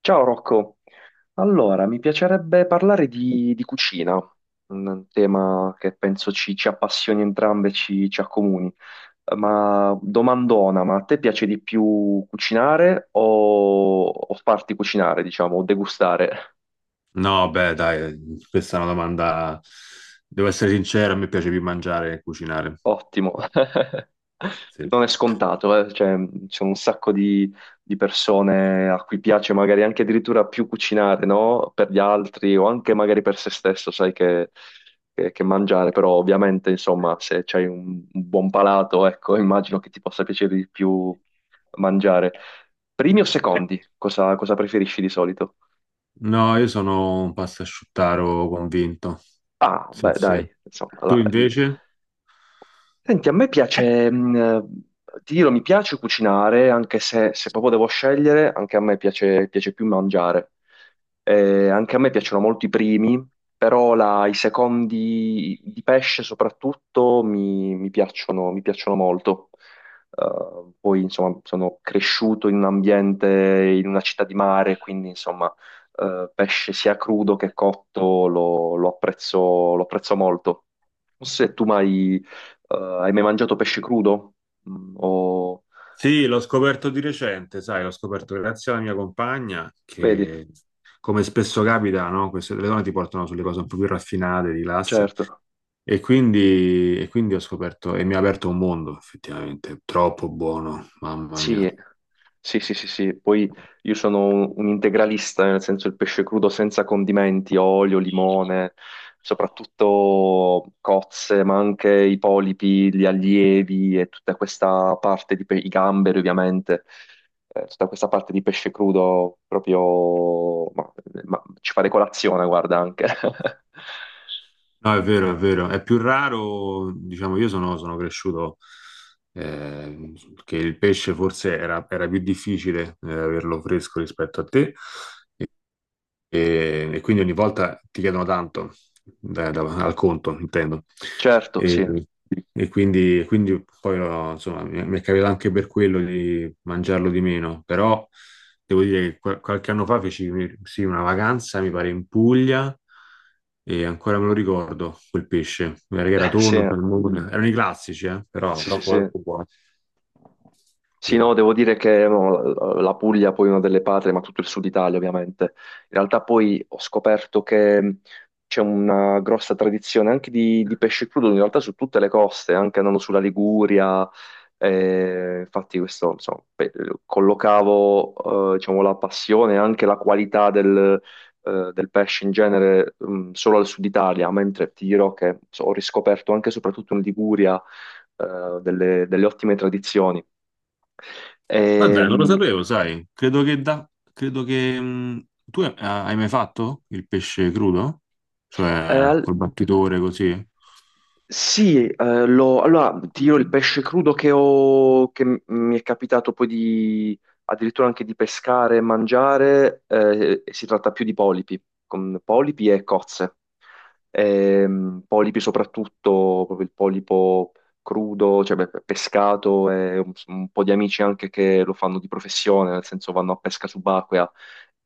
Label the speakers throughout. Speaker 1: Ciao Rocco, allora mi piacerebbe parlare di cucina, un tema che penso ci appassioni entrambe, ci accomuni. Ma domandona, ma a te piace di più cucinare o farti cucinare, diciamo, o degustare?
Speaker 2: No, beh, dai, questa è una domanda. Devo essere sincero, a me piace più mangiare che cucinare.
Speaker 1: Ottimo.
Speaker 2: Sì.
Speaker 1: Non è scontato, cioè, c'è un sacco di persone a cui piace magari anche addirittura più cucinare, no? Per gli altri o anche magari per se stesso, sai che, che mangiare, però ovviamente, insomma, se c'hai un buon palato, ecco, immagino che ti possa piacere di più mangiare. Primi o secondi? Cosa preferisci di solito?
Speaker 2: No, io sono un pastasciuttaro convinto.
Speaker 1: Ah,
Speaker 2: Sì,
Speaker 1: beh,
Speaker 2: sì.
Speaker 1: dai, insomma,
Speaker 2: Tu
Speaker 1: là,
Speaker 2: invece?
Speaker 1: Senti, a me piace, ti dirò, mi piace cucinare, anche se proprio devo scegliere, anche a me piace più mangiare. Anche a me piacciono molto i primi, però i secondi di pesce soprattutto mi piacciono molto. Poi, insomma, sono cresciuto in un ambiente, in una città di mare, quindi, insomma, pesce sia crudo che cotto lo apprezzo molto. Non so se tu mai eh, hai mai mangiato pesce crudo? Mm.
Speaker 2: Sì, l'ho scoperto di recente, sai, l'ho scoperto grazie alla mia compagna
Speaker 1: Vedi,
Speaker 2: che, come spesso capita, no? Queste le donne ti portano sulle cose un po' più raffinate, di classe.
Speaker 1: certo.
Speaker 2: E quindi ho scoperto, e mi ha aperto un mondo, effettivamente, troppo buono, mamma
Speaker 1: Sì,
Speaker 2: mia.
Speaker 1: sì, sì, sì, sì. Poi io sono un integralista, nel senso il pesce crudo senza condimenti, olio, limone, soprattutto cozze, ma anche i polipi, gli allievi e tutta questa parte di i gamberi, ovviamente. Tutta questa parte di pesce crudo proprio ma ci fare colazione, guarda anche.
Speaker 2: No, è vero, è vero. È più raro, diciamo, io sono, sono cresciuto eh, che il pesce forse era, era più difficile averlo fresco rispetto a te, e quindi ogni volta ti chiedono tanto, al conto, intendo.
Speaker 1: Certo,
Speaker 2: E,
Speaker 1: sì.
Speaker 2: e quindi, quindi poi, no, insomma, mi è capitato anche per quello di mangiarlo di meno. Però devo dire che qualche anno fa feci sì, una vacanza, mi pare, in Puglia, e ancora me lo ricordo, quel pesce. Era, era tonno,
Speaker 1: Sì.
Speaker 2: salmone, erano i classici, però
Speaker 1: Sì, sì,
Speaker 2: troppo,
Speaker 1: sì.
Speaker 2: troppo buono.
Speaker 1: Sì, no,
Speaker 2: Vero.
Speaker 1: devo dire che no, la Puglia poi è una delle patrie, ma tutto il sud Italia ovviamente. In realtà poi ho scoperto che c'è una grossa tradizione anche di pesce crudo, in realtà su tutte le coste, anche andando sulla Liguria. Infatti questo, insomma, collocavo, diciamo, la passione e anche la qualità del pesce in genere, solo al sud Italia, mentre ti dirò che so, ho riscoperto anche e soprattutto in Liguria, delle ottime tradizioni.
Speaker 2: Ma dai, non lo
Speaker 1: Ehm,
Speaker 2: sapevo, sai. Credo che da... Credo che... tu hai hai mai fatto il pesce crudo?
Speaker 1: eh,
Speaker 2: Cioè,
Speaker 1: al-
Speaker 2: col battitore così?
Speaker 1: sì, allora ti dirò il pesce crudo che ho, che mi è capitato poi di addirittura anche di pescare e mangiare, si tratta più di polipi, con polipi e cozze. Polipi soprattutto, proprio il polipo crudo, cioè beh, pescato, e un po' di amici anche che lo fanno di professione, nel senso vanno a pesca subacquea.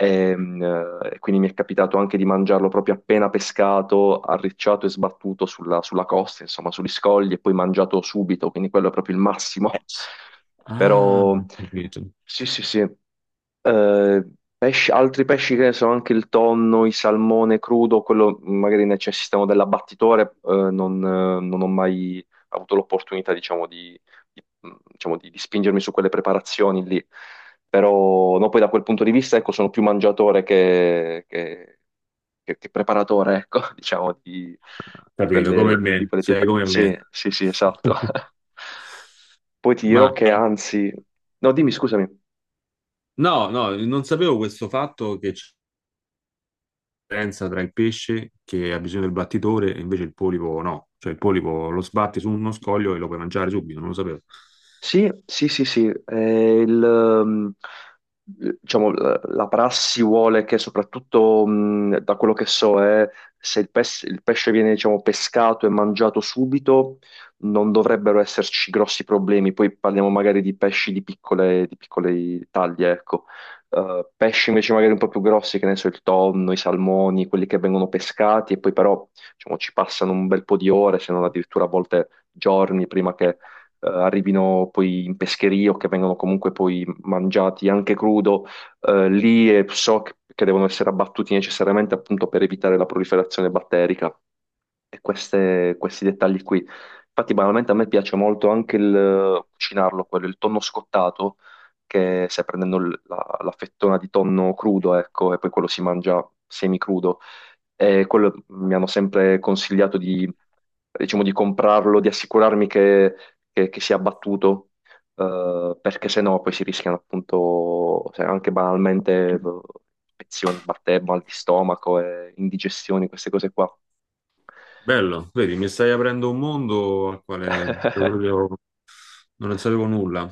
Speaker 1: Ehm, quindi mi è capitato anche di mangiarlo proprio appena pescato, arricciato e sbattuto sulla costa, insomma, sugli scogli e poi mangiato subito, quindi quello è proprio il massimo.
Speaker 2: Ah,
Speaker 1: Però
Speaker 2: ho capito.
Speaker 1: sì, sì, sì. Altri pesci che ne so, anche il tonno, il salmone crudo, quello magari necessitano dell'abbattitore, non ho mai avuto l'opportunità, diciamo, di- di spingermi su quelle preparazioni lì. Però no, poi da quel punto di vista, ecco, sono più mangiatore che preparatore, ecco, diciamo, di, di
Speaker 2: Capito, come
Speaker 1: quelle, di
Speaker 2: me.
Speaker 1: quelle
Speaker 2: Sei
Speaker 1: pietà.
Speaker 2: come me.
Speaker 1: Sì, sì, sì, esatto. Poi ti dirò
Speaker 2: Ma
Speaker 1: che anzi. No, dimmi, scusami.
Speaker 2: no, no, non sapevo questo fatto che c'è una differenza tra il pesce che ha bisogno del battitore e invece il polipo no. Cioè il polipo lo sbatti su uno scoglio e lo puoi mangiare subito, non lo sapevo.
Speaker 1: Sì, sì, sì, sì. Diciamo, la prassi vuole che soprattutto, da quello che so, è se il pesce viene, diciamo, pescato e mangiato subito, non dovrebbero esserci grossi problemi. Poi parliamo magari di pesci di piccole taglie, ecco. Pesci invece magari un po' più grossi, che ne so, il tonno, i salmoni, quelli che vengono pescati e poi però, diciamo, ci passano un bel po' di ore, se non addirittura a volte giorni prima arrivino poi in pescheria o che vengono comunque poi mangiati anche crudo, lì e so che devono essere abbattuti necessariamente appunto per evitare la proliferazione batterica e questi dettagli qui. Infatti, banalmente a me piace molto anche il cucinarlo, quello, il tonno scottato, che stai prendendo la fettona di tonno crudo, ecco, e poi quello si mangia semicrudo. E quello mi hanno sempre consigliato, diciamo, di comprarlo, di assicurarmi che si è abbattuto, perché sennò poi si rischiano appunto se anche banalmente, infezioni, batteri, mal di stomaco, e indigestioni, queste cose qua.
Speaker 2: Bello, vedi, mi stai aprendo un mondo al quale proprio non ne sapevo nulla.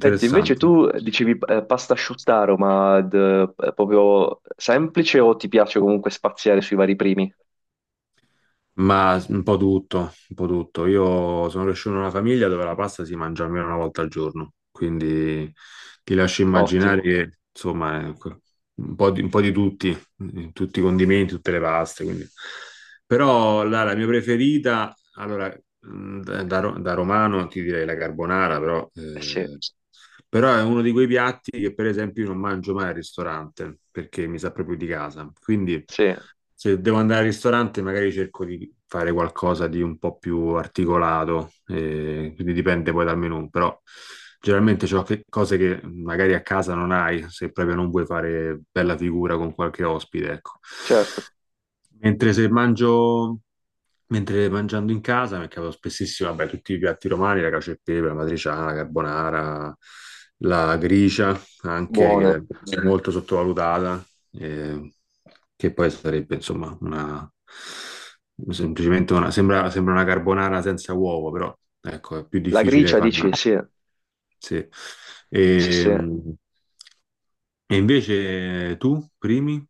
Speaker 1: Senti, invece tu dicevi pasta asciuttaro, ma proprio semplice o ti piace comunque spaziare sui vari primi?
Speaker 2: Ma un po' tutto, un po' tutto. Io sono cresciuto in una famiglia dove la pasta si mangia almeno una volta al giorno, quindi ti lascio immaginare
Speaker 1: Ottimo,
Speaker 2: che, insomma, è un po' di tutti, tutti i condimenti, tutte le paste. Quindi. Però la, la mia preferita, allora, da, da romano ti direi la carbonara, però,
Speaker 1: eh sì,
Speaker 2: però è uno di quei piatti che, per esempio, io non mangio mai al ristorante perché mi sa proprio di casa. Quindi
Speaker 1: sì,
Speaker 2: se devo andare al ristorante, magari cerco di fare qualcosa di un po' più articolato, quindi dipende poi dal menù, però generalmente c'ho cose che magari a casa non hai, se proprio non vuoi fare bella figura con qualche ospite, ecco.
Speaker 1: certo,
Speaker 2: Mentre se mangio Mentre mangiando in casa mi capitava spessissimo, vabbè, tutti i piatti romani, la cacio e pepe, la matriciana, la carbonara, la gricia, anche che
Speaker 1: buone.
Speaker 2: è molto sottovalutata, eh, che poi sarebbe, insomma, una, semplicemente una, sembra, sembra una carbonara senza uovo, però, ecco, è più
Speaker 1: La
Speaker 2: difficile
Speaker 1: gricia
Speaker 2: farla,
Speaker 1: dici, sì,
Speaker 2: sì.
Speaker 1: sì,
Speaker 2: E,
Speaker 1: sì.
Speaker 2: e invece tu, primi?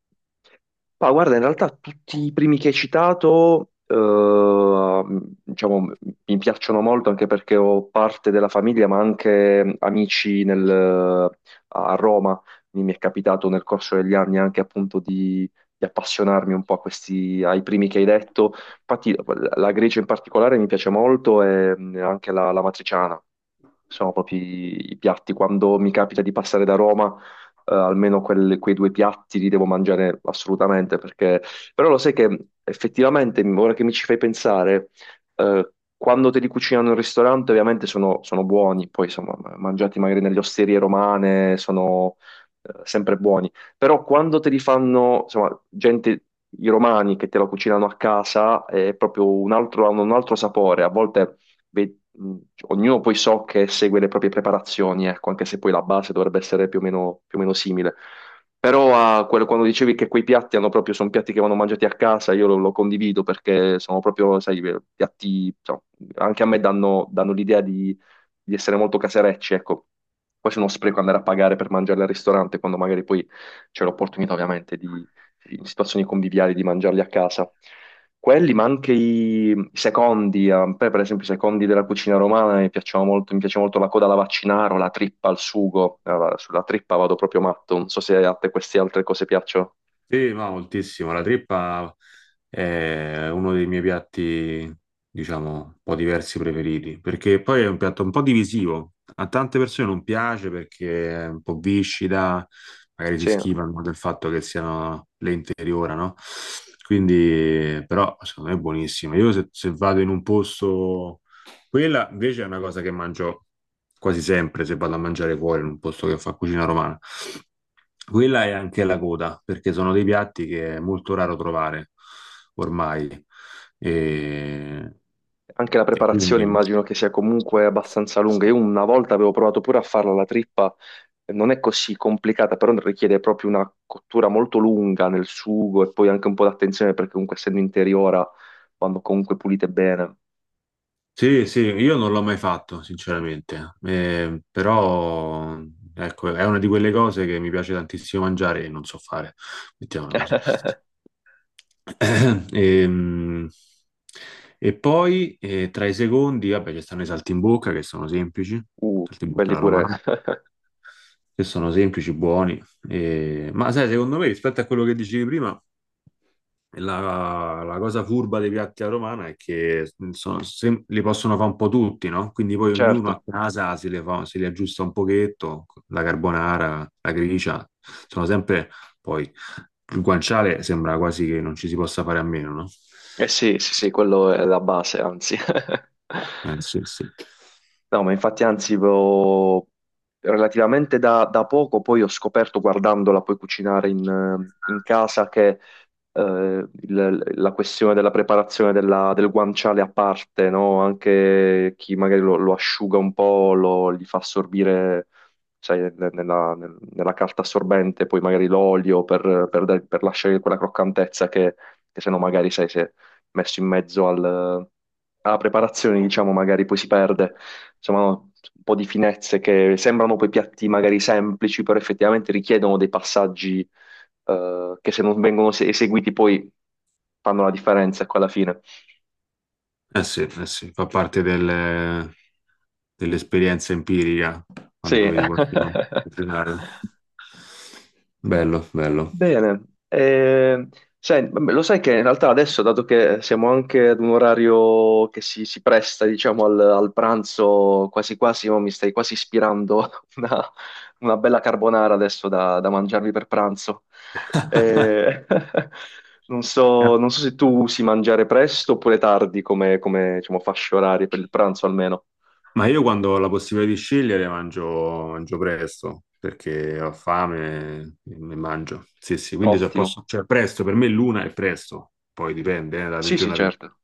Speaker 1: Ma guarda, in realtà tutti i primi che hai citato, diciamo, mi piacciono molto anche perché ho parte della famiglia, ma anche amici a Roma. Quindi mi è capitato nel corso degli anni anche appunto di appassionarmi un po' a ai primi che hai detto. Infatti la Grecia in particolare mi piace molto e anche la matriciana. Sono proprio i piatti. Quando mi capita di passare da Roma, almeno quei due piatti li devo mangiare assolutamente, perché. Però lo sai che effettivamente, ora che mi ci fai pensare, eh, quando te li cucinano in ristorante ovviamente sono buoni, poi insomma, mangiati magari nelle osterie romane sono sempre buoni, però quando te li fanno, insomma, gente, i romani che te lo cucinano a casa è proprio un altro, hanno un altro sapore, a volte ve- mh, ognuno poi so che segue le proprie preparazioni, ecco, anche se poi la base dovrebbe essere più o meno simile. Però quando dicevi che quei piatti hanno proprio, sono piatti che vanno mangiati a casa, io lo condivido perché sono proprio, sai, piatti, insomma, anche a me danno l'idea di essere molto caserecci, ecco. Poi se uno spreco andare a pagare per mangiarli al ristorante, quando magari poi c'è l'opportunità ovviamente in situazioni conviviali, di mangiarli a casa. Quelli, ma anche i secondi, a me per esempio i secondi della cucina romana mi piacciono molto, mi piace molto la coda alla vaccinaro, la trippa al sugo. Allora, sulla trippa vado proprio matto, non so se a te queste altre cose piacciono.
Speaker 2: Sì, ma moltissimo. La trippa è uno dei miei piatti, diciamo, un po' diversi preferiti, perché poi è un piatto un po' divisivo. A tante persone non piace perché è un po' viscida, magari si
Speaker 1: Sì,
Speaker 2: schifano del fatto che siano lente interiora, no? Quindi, però, secondo me è buonissima. Io se, se vado in un posto, quella invece è una cosa che mangio quasi sempre se vado a mangiare fuori in un posto che fa cucina romana. Quella è anche la coda, perché sono dei piatti che è molto raro trovare ormai. E,
Speaker 1: anche la
Speaker 2: e
Speaker 1: preparazione
Speaker 2: quindi
Speaker 1: immagino che sia comunque abbastanza lunga, io una volta avevo provato pure a farla la trippa, non è così complicata, però richiede proprio una cottura molto lunga nel sugo e poi anche un po' d'attenzione perché comunque essendo interiora vanno comunque pulite bene,
Speaker 2: sì, sì, io non l'ho mai fatto, sinceramente. Però ecco, è una di quelle cose che mi piace tantissimo mangiare e non so fare, mettiamola così. Ehm, E poi tra i secondi, vabbè, ci stanno i saltimbocca che sono semplici, saltimbocca
Speaker 1: quelli
Speaker 2: alla
Speaker 1: pure,
Speaker 2: romana, che sono semplici, buoni. E ma sai, secondo me, rispetto a quello che dicevi prima, la, la cosa furba dei piatti alla romana è che li possono fare un po' tutti, no? Quindi poi ognuno a
Speaker 1: certo.
Speaker 2: casa se li aggiusta un pochetto, la carbonara, la gricia, sono sempre poi il guanciale sembra quasi che non ci si possa fare a meno, no?
Speaker 1: Eh sì, sì, sì, quello è la base, anzi.
Speaker 2: Eh sì, sì.
Speaker 1: No, ma infatti, anzi, relativamente da poco poi ho scoperto, guardandola poi cucinare in casa, che eh, la questione della preparazione del guanciale a parte, no? Anche chi magari lo asciuga un po', gli fa assorbire, sai, nella carta assorbente, poi magari l'olio per lasciare quella croccantezza che se no magari, sai, se messo in mezzo alla preparazione, diciamo, magari poi si perde, insomma, no, un po' di finezze che sembrano poi piatti magari semplici, però effettivamente richiedono dei passaggi che se non vengono eseguiti poi fanno la differenza, ecco, alla fine.
Speaker 2: Eh sì, eh sì, fa parte dell'esperienza empirica quando
Speaker 1: Sì.
Speaker 2: vedi qualcuno cucinare. Bello, bello.
Speaker 1: Bene, lo sai che in realtà adesso, dato che siamo anche ad un orario che si presta, diciamo, al pranzo, quasi quasi, oh, mi stai quasi ispirando a una, una bella carbonara adesso da mangiarmi per pranzo. Eh, non
Speaker 2: Eh,
Speaker 1: so, non so se tu usi mangiare presto oppure tardi come, diciamo, fasce orarie per il pranzo almeno.
Speaker 2: Ma io quando ho la possibilità di scegliere mangio, mangio presto, perché ho fame e mangio. Sì, sì, quindi se
Speaker 1: Ottimo.
Speaker 2: posso, cioè presto, per me l'una è presto, poi dipende, da
Speaker 1: Sì, sì,
Speaker 2: regione a regione.
Speaker 1: certo.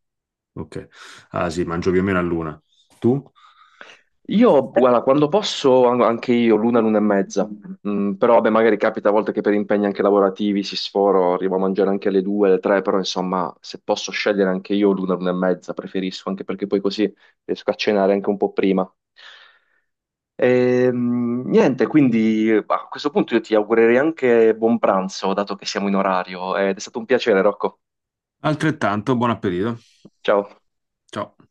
Speaker 2: Ok, ah sì, mangio più o meno all'una. Tu?
Speaker 1: Io, guarda, quando posso anche io, l'una, l'una e mezza, però vabbè, magari capita a volte che per impegni anche lavorativi si sforo, arrivo a mangiare anche alle due, alle tre, però insomma, se posso scegliere anche io l'una, l'una e mezza, preferisco, anche perché poi così riesco a cenare anche un po' prima. Niente, quindi bah, a questo punto io ti augurerei anche buon pranzo, dato che siamo in orario, ed è stato un piacere, Rocco.
Speaker 2: Altrettanto, buon appetito.
Speaker 1: Ciao.
Speaker 2: Ciao.